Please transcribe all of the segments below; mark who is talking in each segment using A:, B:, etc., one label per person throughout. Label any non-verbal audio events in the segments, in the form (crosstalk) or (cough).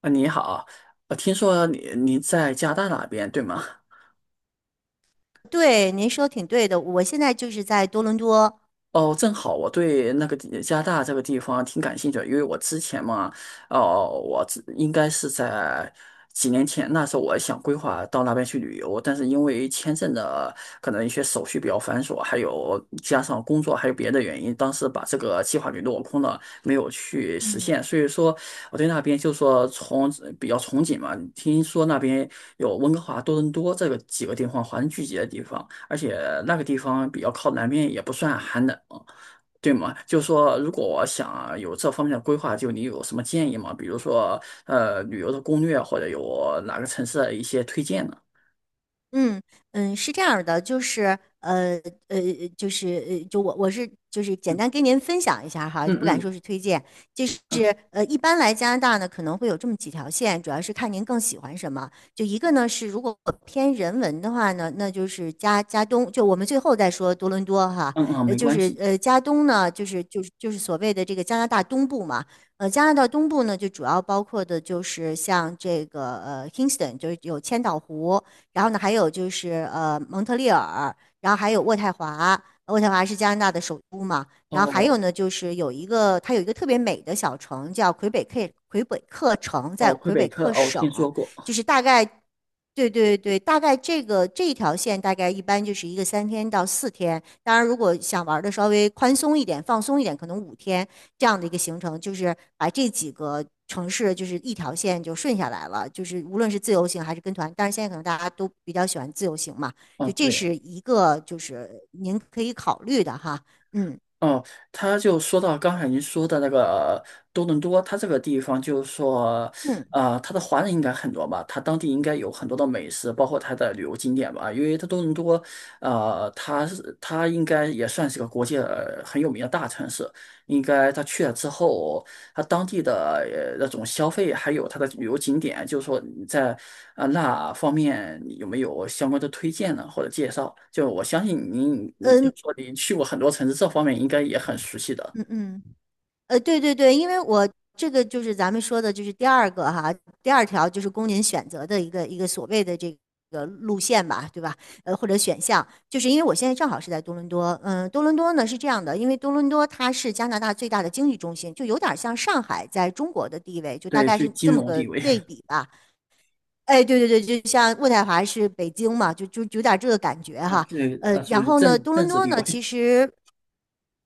A: 啊，你好，听说你在加拿大那边对吗？
B: 对，您说挺对的。我现在就是在多伦多。
A: 哦，正好我对那个地加拿大这个地方挺感兴趣的，因为我之前嘛，哦，应该是在几年前，那时候我想规划到那边去旅游，但是因为签证的可能一些手续比较繁琐，还有加上工作还有别的原因，当时把这个计划给落空了，没有去实
B: 嗯。
A: 现。所以说，我对那边就说从比较憧憬嘛，听说那边有温哥华、多伦多这个几个地方，华人聚集的地方。而且那个地方比较靠南边，也不算寒冷，对吗？就是说，如果我想有这方面的规划，就你有什么建议吗？比如说，旅游的攻略，或者有哪个城市的一些推荐呢？
B: 嗯嗯，是这样儿的，呃，我是简
A: 嗯
B: 单跟您分享一下哈，
A: 嗯
B: 就不敢
A: 嗯
B: 说是推荐。
A: 嗯
B: 一般来加拿大呢可能会有这么几条线，主要是看您更喜欢什么。就一个呢是如果偏人文的话呢，那就是加东，就我们最后再说多伦多哈。
A: 嗯，没关系。
B: 加东呢，就是所谓的这个加拿大东部嘛。呃，加拿大东部呢，就主要包括的就是像这个 Kingston,就是有千岛湖。然后呢，还有就是蒙特利尔，然后还有渥太华，渥太华是加拿大的首都嘛。然后还有
A: 哦，
B: 呢，就是有一个特别美的小城叫魁北克，魁北克城在
A: 哦，魁
B: 魁
A: 北
B: 北
A: 克，
B: 克
A: 哦，我
B: 省，
A: 听说过。
B: 就是大概，对对对，大概这个这一条线大概一般就是一个3天到4天。当然如果想玩的稍微宽松一点、放松一点，可能5天。这样的一个行程，就是把这几个城市就是一条线就顺下来了，就是无论是自由行还是跟团，但是现在可能大家都比较喜欢自由行嘛。
A: 哦，
B: 就这
A: 对。
B: 是一个就是您可以考虑的哈。嗯
A: 哦，他就说到刚才您说的那个多伦多，它这个地方就是说，
B: 嗯
A: 呃，它的华人应该很多吧，它当地应该有很多的美食，包括它的旅游景点吧，因为它多伦多，呃，它应该也算是个国际很有名的大城市，应该他去了之后。它当地的那种消费，还有它的旅游景点，就是说你在那方面你有没有相关的推荐呢，或者介绍？就我相信您，你就
B: 嗯
A: 说您去过很多城市，这方面应该也很熟悉的。
B: 嗯嗯。对对对，因为我这个就是咱们说的，就是第二个哈，第二条就是供您选择的一个所谓的这个路线吧，对吧？或者选项，就是因为我现在正好是在多伦多。嗯，多伦多呢是这样的，因为多伦多它是加拿大最大的经济中心，就有点像上海在中国的地位，就大
A: 对，
B: 概
A: 属于
B: 是
A: 金
B: 这么
A: 融地
B: 个
A: 位。 (laughs)
B: 类比吧。哎，对对对，就像渥太华是北京嘛，就有点这个感觉
A: 啊，
B: 哈。
A: 对，
B: 然
A: 属于
B: 后呢，多
A: 政
B: 伦
A: 治
B: 多
A: 地
B: 呢，其
A: 位。
B: 实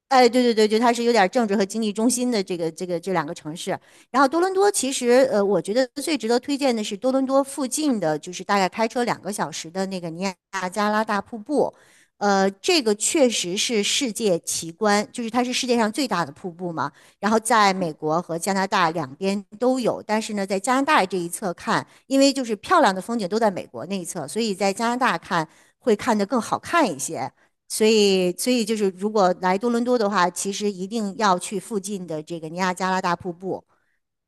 B: 哎，对对对，对，它是有点政治和经济中心的这个这两个城市。然后多伦多其实，我觉得最值得推荐的是多伦多附近的，就是大概开车2个小时的那个尼亚加拉大瀑布。这个确实是世界奇观，就是它是世界上最大的瀑布嘛。然后在美国和加拿大两边都有，但是呢，在加拿大这一侧看，因为就是漂亮的风景都在美国那一侧，所以在加拿大看会看得更好看一些。所以就是如果来多伦多的话，其实一定要去附近的这个尼亚加拉大瀑布。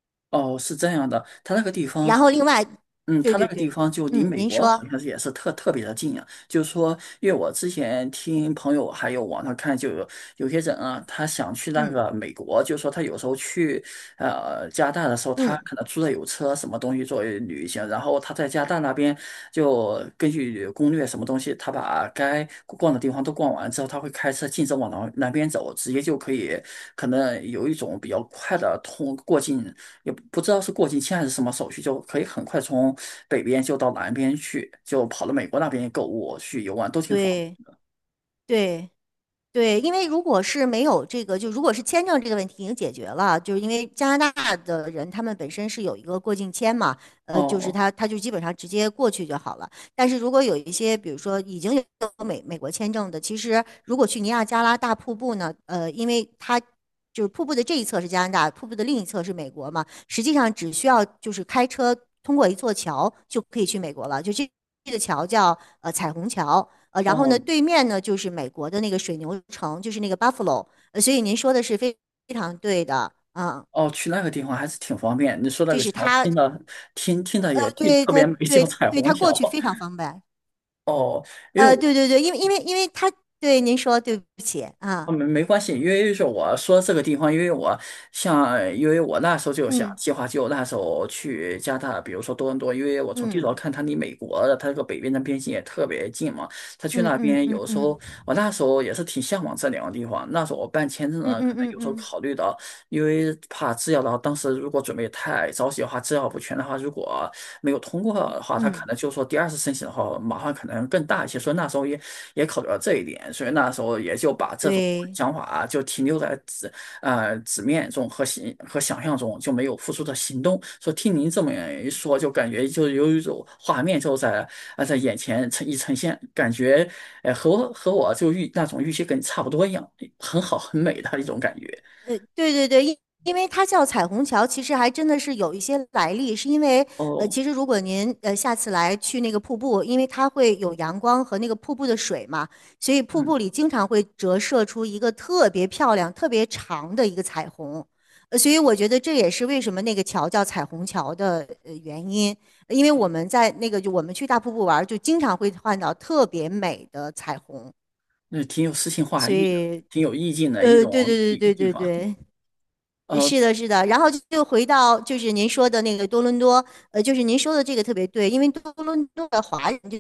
A: (laughs) 哦，是这样的，它那个地方
B: 然
A: 好。
B: 后另外，
A: 嗯，
B: 对
A: 他那
B: 对
A: 个地
B: 对。
A: 方就离
B: 嗯，
A: 美
B: 您
A: 国好
B: 说。
A: 像是也是特别的近啊。就是说，因为我之前听朋友还有网上看，就有有些人啊，他想去那
B: 嗯
A: 个美国，就是说他有时候去加拿大的时候，他
B: 嗯，
A: 可能租的有车什么东西作为旅行，然后他在加拿大那边就根据攻略什么东西，他把该逛的地方都逛完之后，他会开车径直往南边走，直接就可以可能有一种比较快的通过境，也不知道是过境签还是什么手续，就可以很快从北边就到南边去，就跑到美国那边购物去游玩都挺方
B: 对
A: 便。
B: 对。对，因为如果是没有这个，就如果是签证这个问题已经解决了，就是因为加拿大的人他们本身是有一个过境签嘛。就是
A: 哦，
B: 他就基本上直接过去就好了。但是如果有一些，比如说已经有美国签证的，其实如果去尼亚加拉大瀑布呢，因为它就是瀑布的这一侧是加拿大，瀑布的另一侧是美国嘛，实际上只需要就是开车通过一座桥就可以去美国了，就这个桥叫彩虹桥。然后呢，
A: 哦
B: 对面呢就是美国的那个水牛城，就是那个 Buffalo。所以您说的是非常对的。啊，
A: 哦，去那个地方还是挺方便。你说那
B: 就
A: 个
B: 是
A: 桥，
B: 他，
A: 听的也
B: 他
A: 挺
B: 对
A: 特
B: 他
A: 别美，(laughs) 叫
B: 对
A: 彩
B: 对
A: 虹
B: 他
A: 桥。
B: 过去非常
A: (laughs)
B: 方便。
A: 哦，因为我
B: 对对对，因为他对您说对不起
A: 啊，
B: 啊。
A: 没关系，因为是我说这个地方，因为我像，因为我那时候就想
B: 嗯
A: 计划，就那时候去加拿大，比如说多伦多，因为我从地图上
B: 嗯
A: 看，它离美国的它这个北边的边境也特别近嘛。他去
B: 嗯
A: 那
B: 嗯
A: 边
B: 嗯
A: 有时
B: 嗯
A: 候，我那时候也是挺向往这两个地方。那时候我办签证
B: 嗯
A: 呢，
B: 嗯
A: 可
B: 嗯
A: 能
B: 嗯
A: 有时候
B: 嗯，
A: 考虑到因为怕制药的话，当时如果准备太着急的话，制药不全的话，如果没有通过的话，他可
B: 嗯，
A: 能就说第二次申请的话，麻烦可能更大一些。所以那时候也也考虑到这一点，所以那时候也就把这种
B: 对。
A: 想法啊就停留在纸面中和想象中，就没有付出的行动。说听您这么一说，就感觉就有一种画面就在在眼前呈现，感觉和我和我就那种预期跟你差不多一样，很好很美的一种感觉。
B: 对对对，因为它叫彩虹桥，其实还真的是有一些来历，是因为
A: 哦，
B: 其实如果您下次来去那个瀑布，因为它会有阳光和那个瀑布的水嘛，所以瀑布
A: 嗯，
B: 里经常会折射出一个特别漂亮、特别长的一个彩虹。所以我觉得这也是为什么那个桥叫彩虹桥的原因，因为我们在那个就我们去大瀑布玩儿就经常会看到特别美的彩虹。
A: 那挺有诗情画
B: 所
A: 意的，
B: 以
A: 挺有意境的一
B: 对对
A: 种
B: 对
A: 一
B: 对
A: 地
B: 对
A: 方。
B: 对。
A: 呃
B: 是的，是的，然后就回到就是您说的那个多伦多。就是您说的这个特别对，因为多伦多的华人就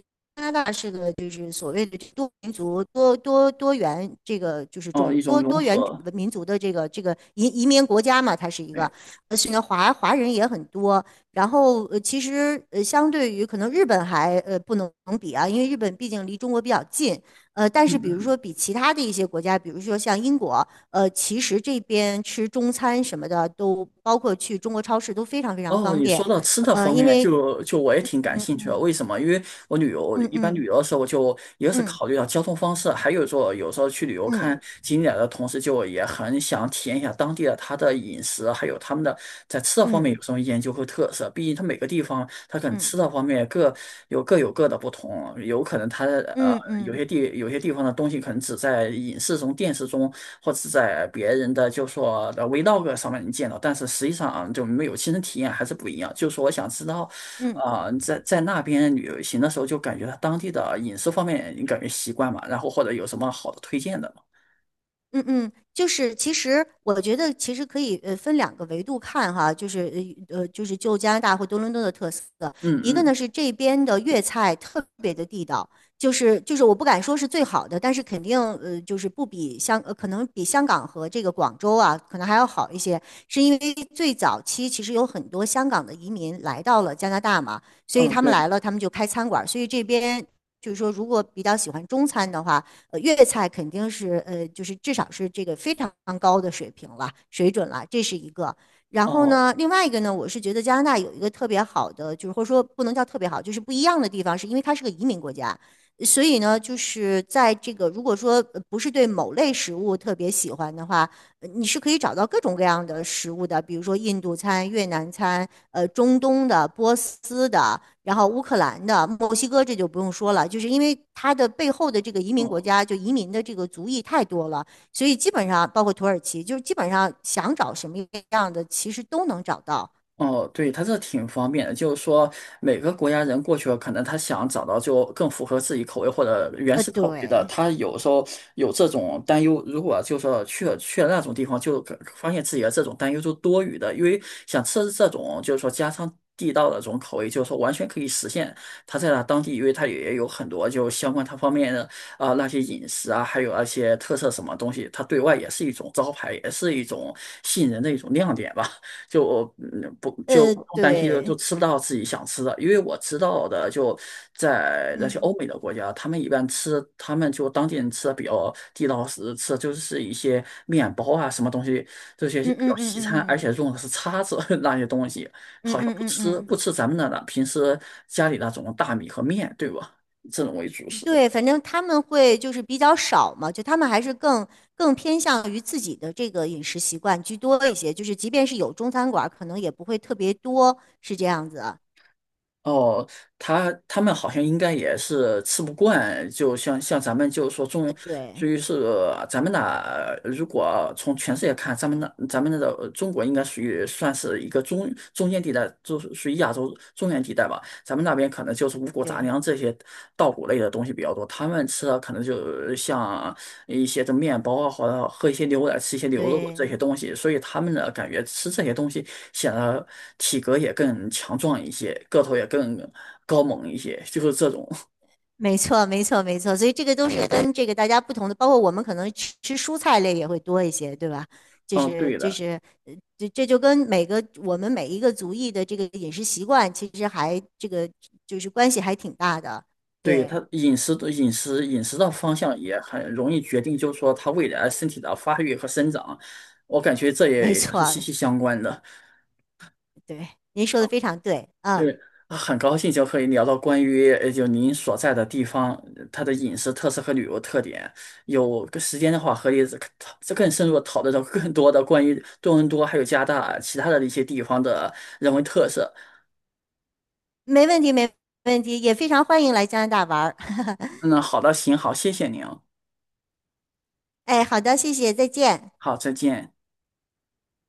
B: 是个就是所谓的多民族、多元这个就是
A: 哦，
B: 种
A: 一种
B: 多
A: 融
B: 多元
A: 合。
B: 民族的这个移民国家嘛，它是一个。
A: 哎，
B: 所以华人也很多。然后其实相对于可能日本还不能比啊，因为日本毕竟离中国比较近。但是
A: 嗯
B: 比如说
A: 嗯。
B: 比其他的一些国家，比如说像英国，其实这边吃中餐什么的都包括去中国超市都非常非常
A: 哦，
B: 方
A: 你说
B: 便。
A: 到吃的
B: 呃，
A: 方
B: 因
A: 面，
B: 为
A: 就我也挺感
B: 嗯
A: 兴趣的。
B: 嗯
A: 为什么？因为我旅游，
B: 嗯
A: 一般
B: 嗯
A: 旅游的时候，我就一个是
B: 嗯
A: 考虑到交通方式，还有说有时候去旅游
B: 嗯。
A: 看
B: 嗯
A: 景点的同时，就也很想体验一下当地的它的饮食，还有他们的在吃的方
B: 嗯
A: 面有什么研究和特色。毕竟它每个地方它可能吃
B: 嗯
A: 的方面各有各有各的不同，有可能它的
B: 嗯嗯
A: 有些地方的东西可能只在影视中、电视中，或者是在别人的就说的 vlog 上面能见到，但是实际上啊就没有亲身体验还是不一样。就是说我想知道
B: 嗯。
A: 在那边旅行的时候，就感觉他当地的饮食方面，你感觉习惯嘛？然后或者有什么好的推荐的吗？
B: 嗯嗯，就是其实我觉得其实可以分两个维度看哈，就是就加拿大或多伦多的特色。
A: 嗯
B: 一个呢
A: 嗯
B: 是这边的粤菜特别的地道，就是我不敢说是最好的，但是肯定就是不比香呃可能比香港和这个广州啊可能还要好一些，是因为最早期其实有很多香港的移民来到了加拿大嘛，所以
A: 嗯，
B: 他们来
A: 对，
B: 了他们就开餐馆儿，所以这边就是说如果比较喜欢中餐的话。粤菜肯定是就是至少是这个非常高的水平了，水准了，这是一个。然后
A: 哦
B: 呢，另外一个呢，我是觉得加拿大有一个特别好的，就是或者说不能叫特别好，就是不一样的地方，是因为它是个移民国家。所以呢，就是在这个如果说不是对某类食物特别喜欢的话，你是可以找到各种各样的食物的，比如说印度餐、越南餐，中东的、波斯的，然后乌克兰的、墨西哥，这就不用说了，就是因为它的背后的这个移民国
A: 哦。
B: 家，就移民的这个族裔太多了，所以基本上包括土耳其，就是基本上想找什么样的，其实都能找到。
A: 哦，对，它这挺方便的，就是说每个国家人过去了，可能他想找到就更符合自己口味或者原始口味的，
B: 对。
A: 他有时候有这种担忧。如果就说去了那种地方，就可发现自己的这种担忧就多余的，因为想吃这种就是说家常地道的这种口味，就是说完全可以实现。他在那当地，因为他也有很多就相关他方面的那些饮食啊，还有那些特色什么东西，他对外也是一种招牌，也是一种吸引人的一种亮点吧。就不担心就
B: 对。
A: 吃不到自己想吃的，因为我知道的，就在那些欧美的国家，他们一般吃，他们就当地人吃的比较地道是吃的就是一些面包啊什么东西，这些
B: 嗯
A: 比较西餐，而
B: 嗯
A: 且用的是叉子 (laughs) 那些东西，
B: 嗯
A: 好
B: 嗯
A: 像
B: 嗯嗯嗯嗯嗯嗯。嗯嗯嗯
A: 不
B: 嗯，
A: 吃咱们那的了，平时家里那种大米和面，对吧？这种为主食。
B: 对，反正他们会就是比较少嘛，就他们还是更偏向于自己的这个饮食习惯居多一些，就是即便是有中餐馆儿可能也不会特别多，是这样子啊。
A: 哦，他他们好像应该也是吃不惯，就像咱们就是说中，至
B: 对
A: 于是咱们那，如果从全世界看，咱们那个中国应该属于算是一个中间地带，就是属于亚洲中原地带吧。咱们那边可能就是五谷杂
B: 对
A: 粮这些稻谷类的东西比较多，他们吃的可能就像一些这面包啊，或者喝一些牛奶、吃一些牛肉这些
B: 对，
A: 东西，所以他们呢感觉吃这些东西显得体格也更强壮一些，个头也更高猛一些，就是这种。
B: 没错没错没错，所以这个都是跟这个大家不同的，包括我们可能吃蔬菜类也会多一些，对吧？就
A: 嗯，
B: 是
A: 对
B: 就
A: 的，
B: 是这就跟我们每一个族裔的这个饮食习惯，其实还这个就是关系还挺大的。
A: 对
B: 对。
A: 他饮食的饮食的方向也很容易决定，就是说他未来身体的发育和生长，我感觉这
B: 没
A: 也是
B: 错。
A: 息息相关的。
B: 对，您说的非常对。嗯。
A: 是啊，很高兴就可以聊到关于就您所在的地方，呃它的饮食特色和旅游特点。有个时间的话，可以再更深入地讨论到更多的关于多伦多还有加拿大其他的一些地方的人文特色。
B: 没问题，没问题，也非常欢迎来加拿大玩儿。(laughs)
A: 嗯，好的，行，好，谢谢您哦，
B: 哎，好的，谢谢，再见。
A: 好，再见。